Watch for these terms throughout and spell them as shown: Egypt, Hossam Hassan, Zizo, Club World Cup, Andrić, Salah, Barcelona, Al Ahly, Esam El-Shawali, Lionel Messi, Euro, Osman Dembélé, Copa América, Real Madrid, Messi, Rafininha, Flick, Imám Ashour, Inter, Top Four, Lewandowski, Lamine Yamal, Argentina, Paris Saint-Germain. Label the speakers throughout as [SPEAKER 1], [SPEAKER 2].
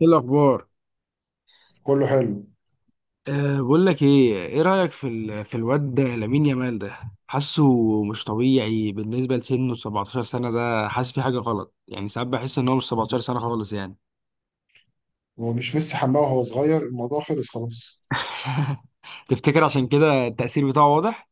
[SPEAKER 1] ايه الاخبار؟
[SPEAKER 2] كله حلو.
[SPEAKER 1] بقول لك ايه رايك في الواد ده لامين يامال، ده حاسه مش طبيعي بالنسبه لسنه 17 سنه. ده حاسس في حاجه غلط، يعني ساعات بحس ان هو مش 17 سنه خالص يعني.
[SPEAKER 2] هو مش ميسي حماه وهو صغير، الموضوع خلص خلاص.
[SPEAKER 1] تفتكر عشان كده التاثير بتاعه واضح؟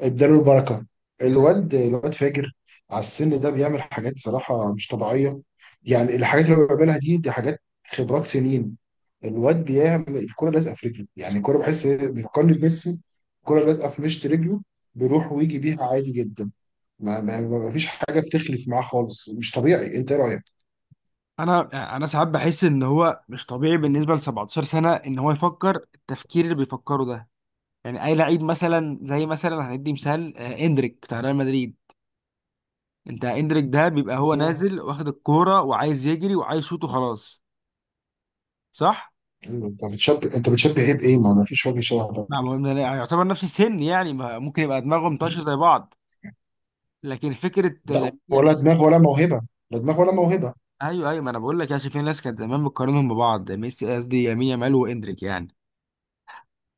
[SPEAKER 2] اداله البركه. الواد فاجر، على السن ده بيعمل حاجات صراحه مش طبيعيه. يعني الحاجات اللي هو بيعملها دي حاجات خبرات سنين. الواد بيعمل الكره لازقه في رجله، يعني الكره بحس بيفكرني بميسي. الكره لازقه في مشط رجله، بيروح ويجي بيها عادي جدا. ما فيش حاجه بتخلف معاه خالص، مش طبيعي. انت إيه رايك؟
[SPEAKER 1] انا ساعات بحس ان هو مش طبيعي بالنسبه ل 17 سنه، ان هو يفكر التفكير اللي بيفكره ده. يعني اي لعيب مثلا، زي مثلا هندي مثال، اندريك بتاع ريال مدريد. انت اندريك ده بيبقى هو
[SPEAKER 2] مم.
[SPEAKER 1] نازل واخد الكوره وعايز يجري وعايز يشوط وخلاص. صح.
[SPEAKER 2] انت بتشبه ايه بايه؟ ما فيش وجه شبه ده.
[SPEAKER 1] نعم، هو يعتبر نفس السن، يعني ممكن يبقى دماغهم طاشه زي بعض، لكن فكره
[SPEAKER 2] لا،
[SPEAKER 1] لامين
[SPEAKER 2] ولا
[SPEAKER 1] يامال.
[SPEAKER 2] دماغ ولا موهبه، لا دماغ ولا موهبه.
[SPEAKER 1] ايوه، ايوه، ما انا بقول لك، يا شايف في ناس كانت زمان بتقارنهم ببعض، ميسي قصدي يمين يامال واندريك يعني.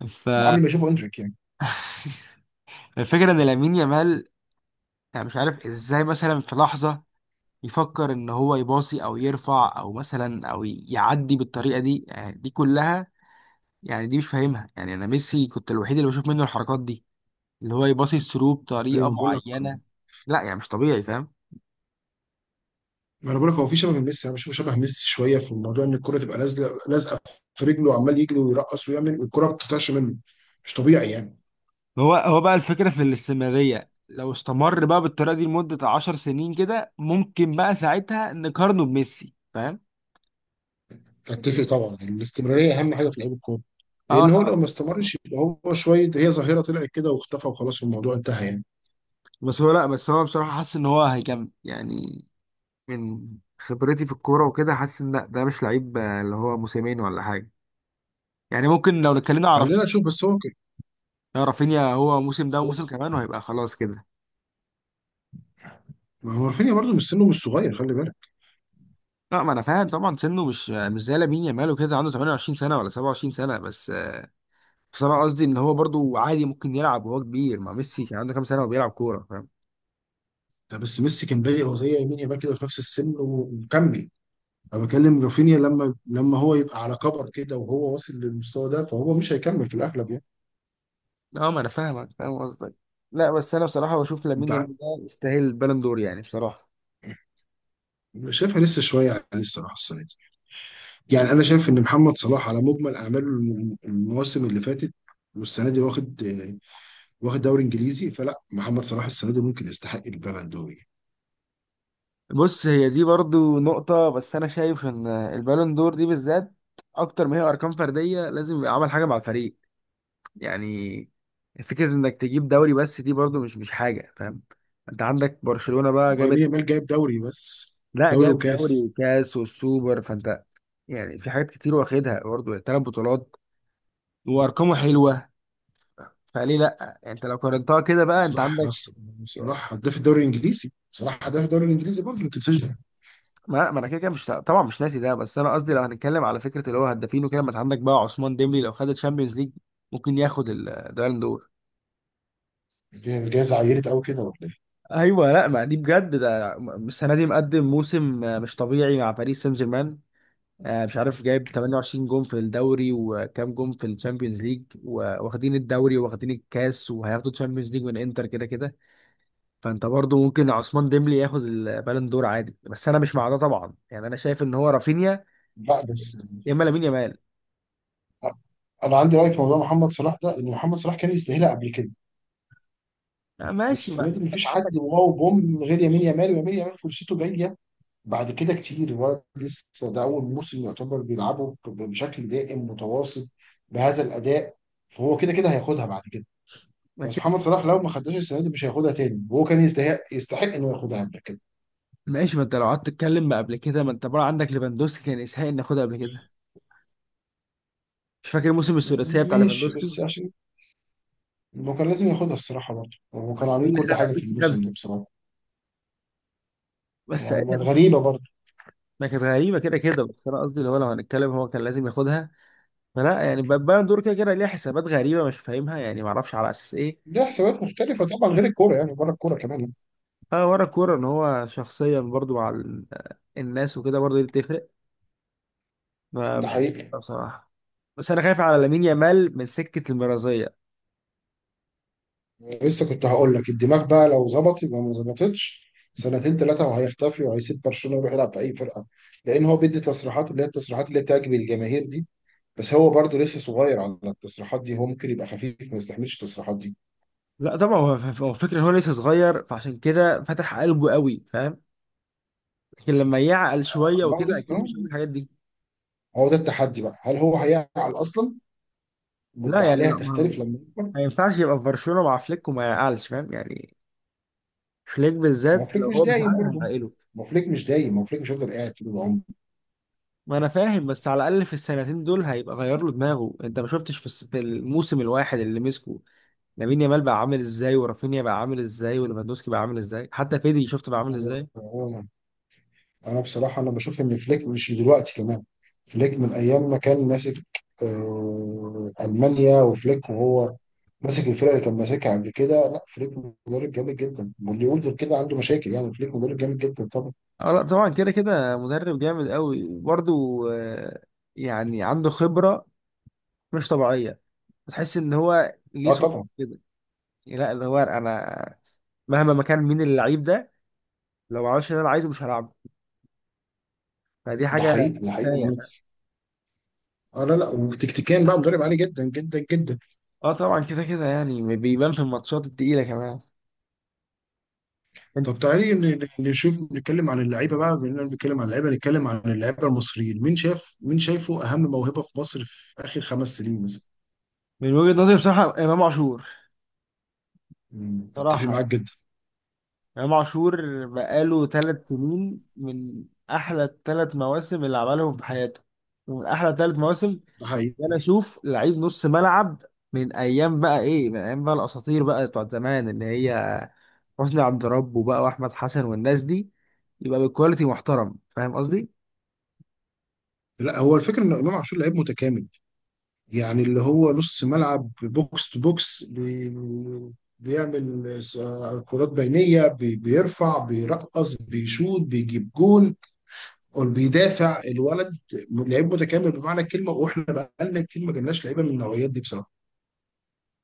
[SPEAKER 1] ف
[SPEAKER 2] ده قبل ما يشوفوا اندريك يعني.
[SPEAKER 1] الفكرة ان لامين يامال، يعني مش عارف ازاي، مثلا في لحظة يفكر ان هو يباصي او يرفع او مثلا او يعدي بالطريقة دي، يعني دي كلها، يعني دي مش فاهمها. يعني انا ميسي كنت الوحيد اللي بشوف منه الحركات دي، اللي هو يباصي الثرو
[SPEAKER 2] ايوه
[SPEAKER 1] بطريقة
[SPEAKER 2] انا بقول لك،
[SPEAKER 1] معينة. لا يعني مش طبيعي، فاهم.
[SPEAKER 2] ما انا بقول لك هو في شبه من ميسي، انا بشوفه شبه ميسي شويه، في الموضوع ان الكره تبقى لازقه لازقه في رجله وعمال يجري ويرقص ويعمل والكره ما بتطلعش منه، مش طبيعي يعني.
[SPEAKER 1] هو بقى الفكرة في الاستمرارية، لو استمر بقى بالطريقة دي لمدة 10 سنين كده، ممكن بقى ساعتها نقارنه بميسي، فاهم؟
[SPEAKER 2] فاتفق طبعا، الاستمراريه اهم حاجه في لعيب الكوره،
[SPEAKER 1] اه
[SPEAKER 2] لان هو
[SPEAKER 1] طبعا.
[SPEAKER 2] لو ما استمرش يبقى هو شويه، هي ظاهره طلعت كده واختفى وخلاص والموضوع انتهى يعني.
[SPEAKER 1] بس هو لا بس هو بصراحة حاسس ان هو هيكمل يعني. من خبرتي في الكورة وكده، حاسس ان لا، ده مش لعيب اللي هو موسمين ولا حاجة. يعني ممكن لو اتكلمنا على
[SPEAKER 2] خلينا
[SPEAKER 1] رافينيا.
[SPEAKER 2] نشوف، بس
[SPEAKER 1] لا، رافينيا هو موسم ده
[SPEAKER 2] هو
[SPEAKER 1] وموسم
[SPEAKER 2] ك-
[SPEAKER 1] كمان وهيبقى خلاص كده.
[SPEAKER 2] ما هو رافينيا برضه مش سنه، مش صغير، خلي بالك.
[SPEAKER 1] لا، ما انا فاهم طبعا، سنه مش زي لامين يامال وكده، عنده 28 سنة ولا 27 سنة بس انا قصدي ان هو برضو عادي ممكن يلعب وهو كبير. ما ميسي كان عنده كام سنه وبيلعب كوره، فاهم.
[SPEAKER 2] ده بس ميسي كان بادئ هو زي يمين يامال كده في نفس السن ومكمل. انا بكلم رافينيا، لما هو يبقى على كبر كده وهو واصل للمستوى ده، فهو مش هيكمل في الاغلب يعني.
[SPEAKER 1] اه، ما انا فاهمك، فاهم قصدك. لا بس انا بصراحه بشوف
[SPEAKER 2] انت
[SPEAKER 1] لامين
[SPEAKER 2] عارف،
[SPEAKER 1] يامال ده يستاهل البالون دور يعني، بصراحه.
[SPEAKER 2] أنا شايفها لسه شويه عليه الصراحه السنه دي. يعني انا شايف ان محمد صلاح على مجمل اعماله المواسم اللي فاتت والسنه دي واخد، واخد دوري انجليزي، فلا محمد صلاح السنه دي ممكن يستحق البالون دور يعني.
[SPEAKER 1] بص، هي دي برضو نقطه، بس انا شايف ان البالون دور دي بالذات اكتر ما هي ارقام فرديه، لازم يبقى عمل حاجه مع الفريق يعني. فكره انك تجيب دوري بس دي برضو مش حاجه، فاهم. انت عندك برشلونه بقى
[SPEAKER 2] هو يمين
[SPEAKER 1] جابت.
[SPEAKER 2] يامال جايب دوري بس،
[SPEAKER 1] لا،
[SPEAKER 2] دوري
[SPEAKER 1] جاب دوري
[SPEAKER 2] وكاس.
[SPEAKER 1] وكاس والسوبر، فانت يعني في حاجات كتير واخدها برضه، ثلاث بطولات، وارقامه حلوه. فليه لا يعني، انت لو قارنتها كده بقى انت
[SPEAKER 2] صلاح
[SPEAKER 1] عندك.
[SPEAKER 2] أصلاً- صلاح هداف الدوري الانجليزي، صلاح هداف الدوري الانجليزي برضه، ما تنساش ده.
[SPEAKER 1] ما انا كده كده مش، طبعا مش ناسي ده، بس انا قصدي لو هنتكلم على فكره اللي هو هدافين وكده، ما انت عندك بقى عثمان ديمبلي، لو خد الشامبيونز ليج ممكن ياخد البالون دور.
[SPEAKER 2] الجائزه عيرت قوي كده ولا ايه؟
[SPEAKER 1] ايوه، لا ما دي بجد، ده السنه دي مقدم موسم مش طبيعي مع باريس سان جيرمان. مش عارف جايب 28 جون في الدوري وكام جون في الشامبيونز ليج، واخدين الدوري واخدين الكاس وهياخدوا الشامبيونز ليج من انتر كده كده. فانت برضو ممكن عثمان ديمبلي ياخد البالون دور عادي، بس انا مش مع ده طبعا، يعني انا شايف ان هو رافينيا،
[SPEAKER 2] لا، بس
[SPEAKER 1] يا اما لامين يامال.
[SPEAKER 2] انا عندي راي في موضوع محمد صلاح ده، ان محمد صلاح كان يستاهلها قبل كده.
[SPEAKER 1] ماشي،
[SPEAKER 2] والسنه
[SPEAKER 1] ما
[SPEAKER 2] دي
[SPEAKER 1] انت
[SPEAKER 2] مفيش
[SPEAKER 1] عندك.
[SPEAKER 2] حد واو بوم من غير يمين يامال، ويمين يامال فرصته جايه بعد كده كتير. الولد لسه، ده اول موسم يعتبر بيلعبه بشكل دائم متواصل بهذا الاداء، فهو كده كده هياخدها بعد كده.
[SPEAKER 1] ما
[SPEAKER 2] بس
[SPEAKER 1] كده
[SPEAKER 2] محمد
[SPEAKER 1] كده،
[SPEAKER 2] صلاح لو ما خدهاش السنه دي مش هياخدها تاني، وهو كان يستحق، يستحق انه ياخدها قبل كده.
[SPEAKER 1] ماشي، ما انت لو قعدت تتكلم، ما قبل كده ما انت بقى عندك ليفاندوسكي كان يستحق ان ياخدها قبل كده، مش فاكر موسم الثلاثيه بتاع
[SPEAKER 2] ماشي
[SPEAKER 1] ليفاندوسكي.
[SPEAKER 2] بس عشان هو كان لازم ياخدها الصراحه برضه، هو كانوا
[SPEAKER 1] بس
[SPEAKER 2] عاملين
[SPEAKER 1] مين اللي
[SPEAKER 2] كل
[SPEAKER 1] خدها؟
[SPEAKER 2] حاجه في
[SPEAKER 1] ميسي خدها.
[SPEAKER 2] الموسم ده بصراحه.
[SPEAKER 1] بس ساعتها ميسي
[SPEAKER 2] غريبه برضه.
[SPEAKER 1] ما كانت غريبه كده كده، بس انا قصدي اللي هو لو هنتكلم، هو كان لازم ياخدها. فلا يعني، البالون دور كده كده ليها حسابات غريبه مش فاهمها يعني، ما اعرفش على اساس ايه.
[SPEAKER 2] ليه حسابات مختلفة طبعا غير الكورة يعني، بره الكورة كمان.
[SPEAKER 1] اه، ورا الكوره ان هو شخصيا برضو مع الناس وكده، برضو دي بتفرق. ما
[SPEAKER 2] ده
[SPEAKER 1] مش عارف
[SPEAKER 2] حقيقي.
[SPEAKER 1] بصراحه. بس انا خايف على لامين يامال من سكه المرازيه.
[SPEAKER 2] لسه كنت هقول لك، الدماغ بقى لو ظبط يبقى، ما ظبطتش سنتين ثلاثة وهيختفي، وهيسيب برشلونة ويروح يلعب في أي فرقة. لأن هو بيدي تصريحات اللي هي التصريحات اللي بتعجب الجماهير دي، بس هو برضه لسه صغير على التصريحات دي، هو ممكن يبقى خفيف ما يستحملش التصريحات دي.
[SPEAKER 1] لا طبعا، هو فكره ان هو لسه صغير، فعشان كده فتح قلبه قوي، فاهم. لكن لما يعقل شويه
[SPEAKER 2] ما هو
[SPEAKER 1] وكده، اكيد
[SPEAKER 2] لسه،
[SPEAKER 1] مش هيقول الحاجات دي.
[SPEAKER 2] هو ده التحدي بقى، هل هو هيعقل أصلا
[SPEAKER 1] لا يعني،
[SPEAKER 2] والعقلية
[SPEAKER 1] لا ما هو
[SPEAKER 2] هتختلف لما يكبر.
[SPEAKER 1] ما ينفعش يبقى في برشلونه مع فليك وما يعقلش، فاهم يعني. فليك
[SPEAKER 2] ما هو
[SPEAKER 1] بالذات، لو
[SPEAKER 2] فليك مش
[SPEAKER 1] هو مش
[SPEAKER 2] دايم
[SPEAKER 1] عاقل
[SPEAKER 2] برضه
[SPEAKER 1] هيعقله.
[SPEAKER 2] ما هو فليك مش دايم ما هو فليك مش هيفضل قاعد طول
[SPEAKER 1] ما انا فاهم، بس على الاقل في السنتين دول هيبقى غير له دماغه. انت ما شفتش في الموسم الواحد اللي مسكه لامين يامال بقى عامل ازاي، ورافينيا بقى عامل ازاي، وليفاندوسكي بقى عامل ازاي، حتى بيدري شفت بقى عامل
[SPEAKER 2] العمر.
[SPEAKER 1] ازاي.
[SPEAKER 2] هو انا بصراحه، انا بشوف ان فليك مش دلوقتي كمان، فليك من ايام ما كان ماسك المانيا، وفليك وهو ماسك الفرقه اللي كان ماسكها قبل كده. لا، فليك مدرب جامد جدا، واللي يقول غير كده عنده مشاكل، يعني فليك مدرب جامد جدا طبعا.
[SPEAKER 1] اه لا طبعا كده كده مدرب جامد قوي. وبرده آه، يعني عنده خبرة مش طبيعية، بتحس ان هو ليه
[SPEAKER 2] اه
[SPEAKER 1] صوت
[SPEAKER 2] طبعا.
[SPEAKER 1] كده. لا، اللي هو انا مهما ما كان مين اللعيب ده، لو ما عملش اللي انا عايزه مش هلعبه، فدي
[SPEAKER 2] ده
[SPEAKER 1] حاجة.
[SPEAKER 2] حقيقي، ده حقيقي
[SPEAKER 1] كفاية
[SPEAKER 2] ومهم.
[SPEAKER 1] بقى.
[SPEAKER 2] اه لا لا، وتكتيكيا بقى مدرب عالي جدا جدا جدا.
[SPEAKER 1] اه طبعا كده كده، يعني بيبان في الماتشات التقيلة كمان. انت-
[SPEAKER 2] طب تعالي نشوف، نتكلم عن اللعيبه بقى، بما اننا بنتكلم عن اللعيبه نتكلم عن اللعيبه المصريين. مين شاف، مين شايفه اهم موهبه في مصر في اخر 5 سنين مثلا؟
[SPEAKER 1] من وجهة نظري بصراحة، امام عاشور.
[SPEAKER 2] مم، اتفق معاك
[SPEAKER 1] صراحة
[SPEAKER 2] جدا.
[SPEAKER 1] امام عاشور بقاله 3 سنين من احلى الثلاث مواسم اللي عملهم في حياته، ومن احلى ثلاث مواسم.
[SPEAKER 2] ده حقيقي.
[SPEAKER 1] ده انا اشوف لعيب نص ملعب، من ايام بقى ايه، من ايام بقى الاساطير بقى بتوع زمان، اللي هي حسني عبد ربه بقى واحمد حسن والناس دي، يبقى بالكواليتي محترم، فاهم قصدي؟
[SPEAKER 2] لا، هو الفكره ان امام عاشور لعيب متكامل. يعني اللي هو نص ملعب، بوكس تو بوكس، بيعمل كرات بينيه، بيرفع، بيرقص، بيشوط، بيجيب جون، وبيدافع الولد. لعيب متكامل بمعنى الكلمه، واحنا بقالنا كتير ما جالناش لعيبه من النوعيات دي بصراحه.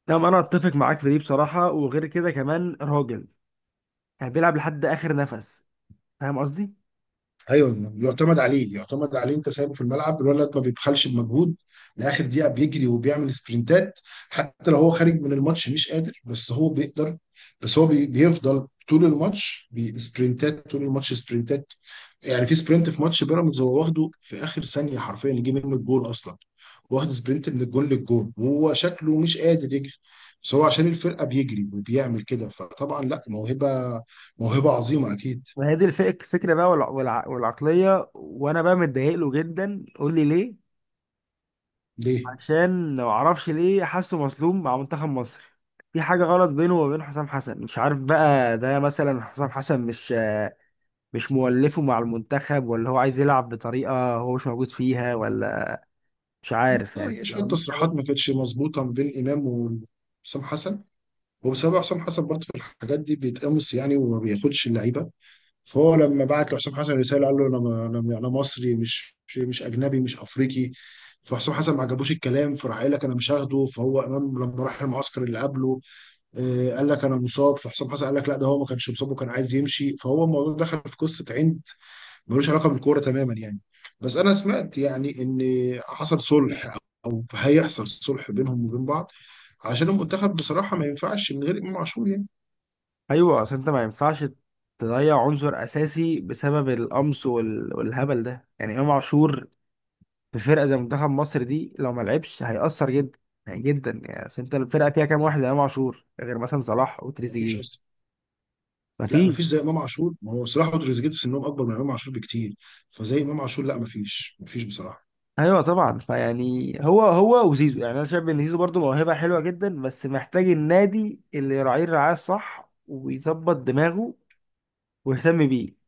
[SPEAKER 1] نعم، انا اتفق معاك في دي بصراحه. وغير كده كمان راجل، يعني بيلعب لحد اخر نفس، فاهم قصدي؟
[SPEAKER 2] ايوه، يعتمد عليه، يعتمد عليه. انت سايبه في الملعب، الولد ما بيبخلش بمجهود لاخر دقيقه، بيجري وبيعمل سبرنتات، حتى لو هو خارج من الماتش مش قادر، بس هو بيقدر. بس هو بيفضل طول الماتش بسبرنتات، طول الماتش سبرنتات. يعني في سبرنت في ماتش بيراميدز هو واخده في اخر ثانيه حرفيا يجي منه الجول اصلا، واخد سبرنت من الجون للجون وهو شكله مش قادر يجري، بس هو عشان الفرقه بيجري وبيعمل كده. فطبعا لا موهبه، موهبه عظيمه اكيد.
[SPEAKER 1] وهي دي الفكره بقى، والعقليه. وانا بقى متضايق له جدا، قول لي ليه.
[SPEAKER 2] ليه؟
[SPEAKER 1] عشان لو اعرفش ليه، حاسه مظلوم مع منتخب مصر. في حاجة غلط بينه وبين حسام حسن، مش عارف بقى، ده مثلا حسام حسن مش مولفه مع المنتخب، ولا هو عايز يلعب بطريقة هو مش موجود فيها، ولا مش عارف يعني
[SPEAKER 2] يعني شوية
[SPEAKER 1] لو ليه
[SPEAKER 2] تصريحات
[SPEAKER 1] سبب.
[SPEAKER 2] ما كانتش مظبوطة ما بين إمام وحسام حسن، وبسبب حسام حسن برضه في الحاجات دي بيتقمص يعني وما بياخدش اللعيبة. فهو لما بعت لحسام حسن رسالة قال له أنا مصري، مش أجنبي، مش أفريقي. فحسام حسن ما عجبوش الكلام، فراح قال لك أنا مش هاخده. فهو إمام لما راح المعسكر اللي قبله قال لك أنا مصاب، فحسام حسن قال لك لا، ده هو ما كانش مصاب وكان عايز يمشي. فهو الموضوع دخل في قصة عند ملوش علاقه بالكوره تماما يعني. بس انا سمعت يعني ان حصل صلح، او هيحصل صلح بينهم وبين بعض، عشان المنتخب بصراحه ما ينفعش من غير امام عاشور يعني.
[SPEAKER 1] ايوه، اصل انت ما ينفعش تضيع عنصر اساسي بسبب القمص والهبل ده يعني. امام عاشور في فرقة زي منتخب مصر دي لو ما لعبش هيأثر جدا يعني، جدا يعني. اصل انت الفرقة فيها كام واحد زي امام عاشور غير مثلا صلاح
[SPEAKER 2] ما فيش
[SPEAKER 1] وتريزيجيه؟
[SPEAKER 2] اصلا. لا ما
[SPEAKER 1] مفيش.
[SPEAKER 2] فيش زي امام عاشور، ما هو صلاح وتريزيجيه في سنهم اكبر من امام عاشور بكتير، فزي امام عاشور لا، ما فيش، ما فيش بصراحه.
[SPEAKER 1] ايوه طبعا، فيعني هو وزيزو. يعني انا شايف ان زيزو برضه موهبه حلوه جدا، بس محتاج النادي اللي يراعيه الرعايه الصح ويظبط دماغه ويهتم بيه.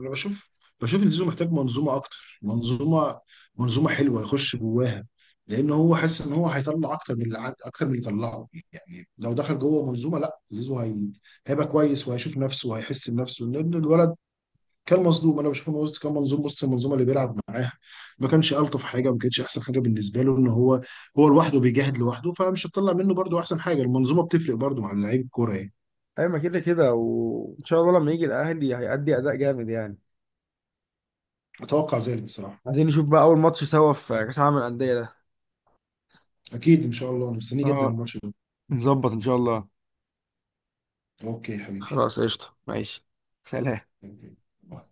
[SPEAKER 2] انا بشوف ان زيزو محتاج منظومه، اكتر منظومه حلوه يخش جواها. لان هو حاسس ان هو هيطلع اكتر من اللي طلعه يعني، لو دخل جوه منظومه، لا زيزو هيبقى كويس وهيشوف نفسه وهيحس بنفسه، لان الولد كان مظلوم. انا بشوف انه وسط كان منظوم، وسط المنظومه اللي بيلعب معاها ما كانش الطف حاجه، ما كانتش احسن حاجه بالنسبه له، ان هو هو لوحده بيجاهد لوحده، فمش هتطلع منه برضو احسن حاجه. المنظومه بتفرق برضو مع لعيب الكوره يعني.
[SPEAKER 1] ايوه، ما كده كده. وان شاء الله لما يجي الاهلي هيأدي اداء جامد يعني.
[SPEAKER 2] اتوقع ذلك بصراحه.
[SPEAKER 1] عايزين نشوف بقى اول ماتش سوا في كاس العالم للانديه ده.
[SPEAKER 2] اكيد ان شاء الله، انا مستنيه جدا
[SPEAKER 1] اه،
[SPEAKER 2] الماتش ده.
[SPEAKER 1] نظبط ان شاء الله.
[SPEAKER 2] اوكي يا حبيبي.
[SPEAKER 1] خلاص، قشطه، ماشي. سلام.
[SPEAKER 2] اشتركوا في القناة.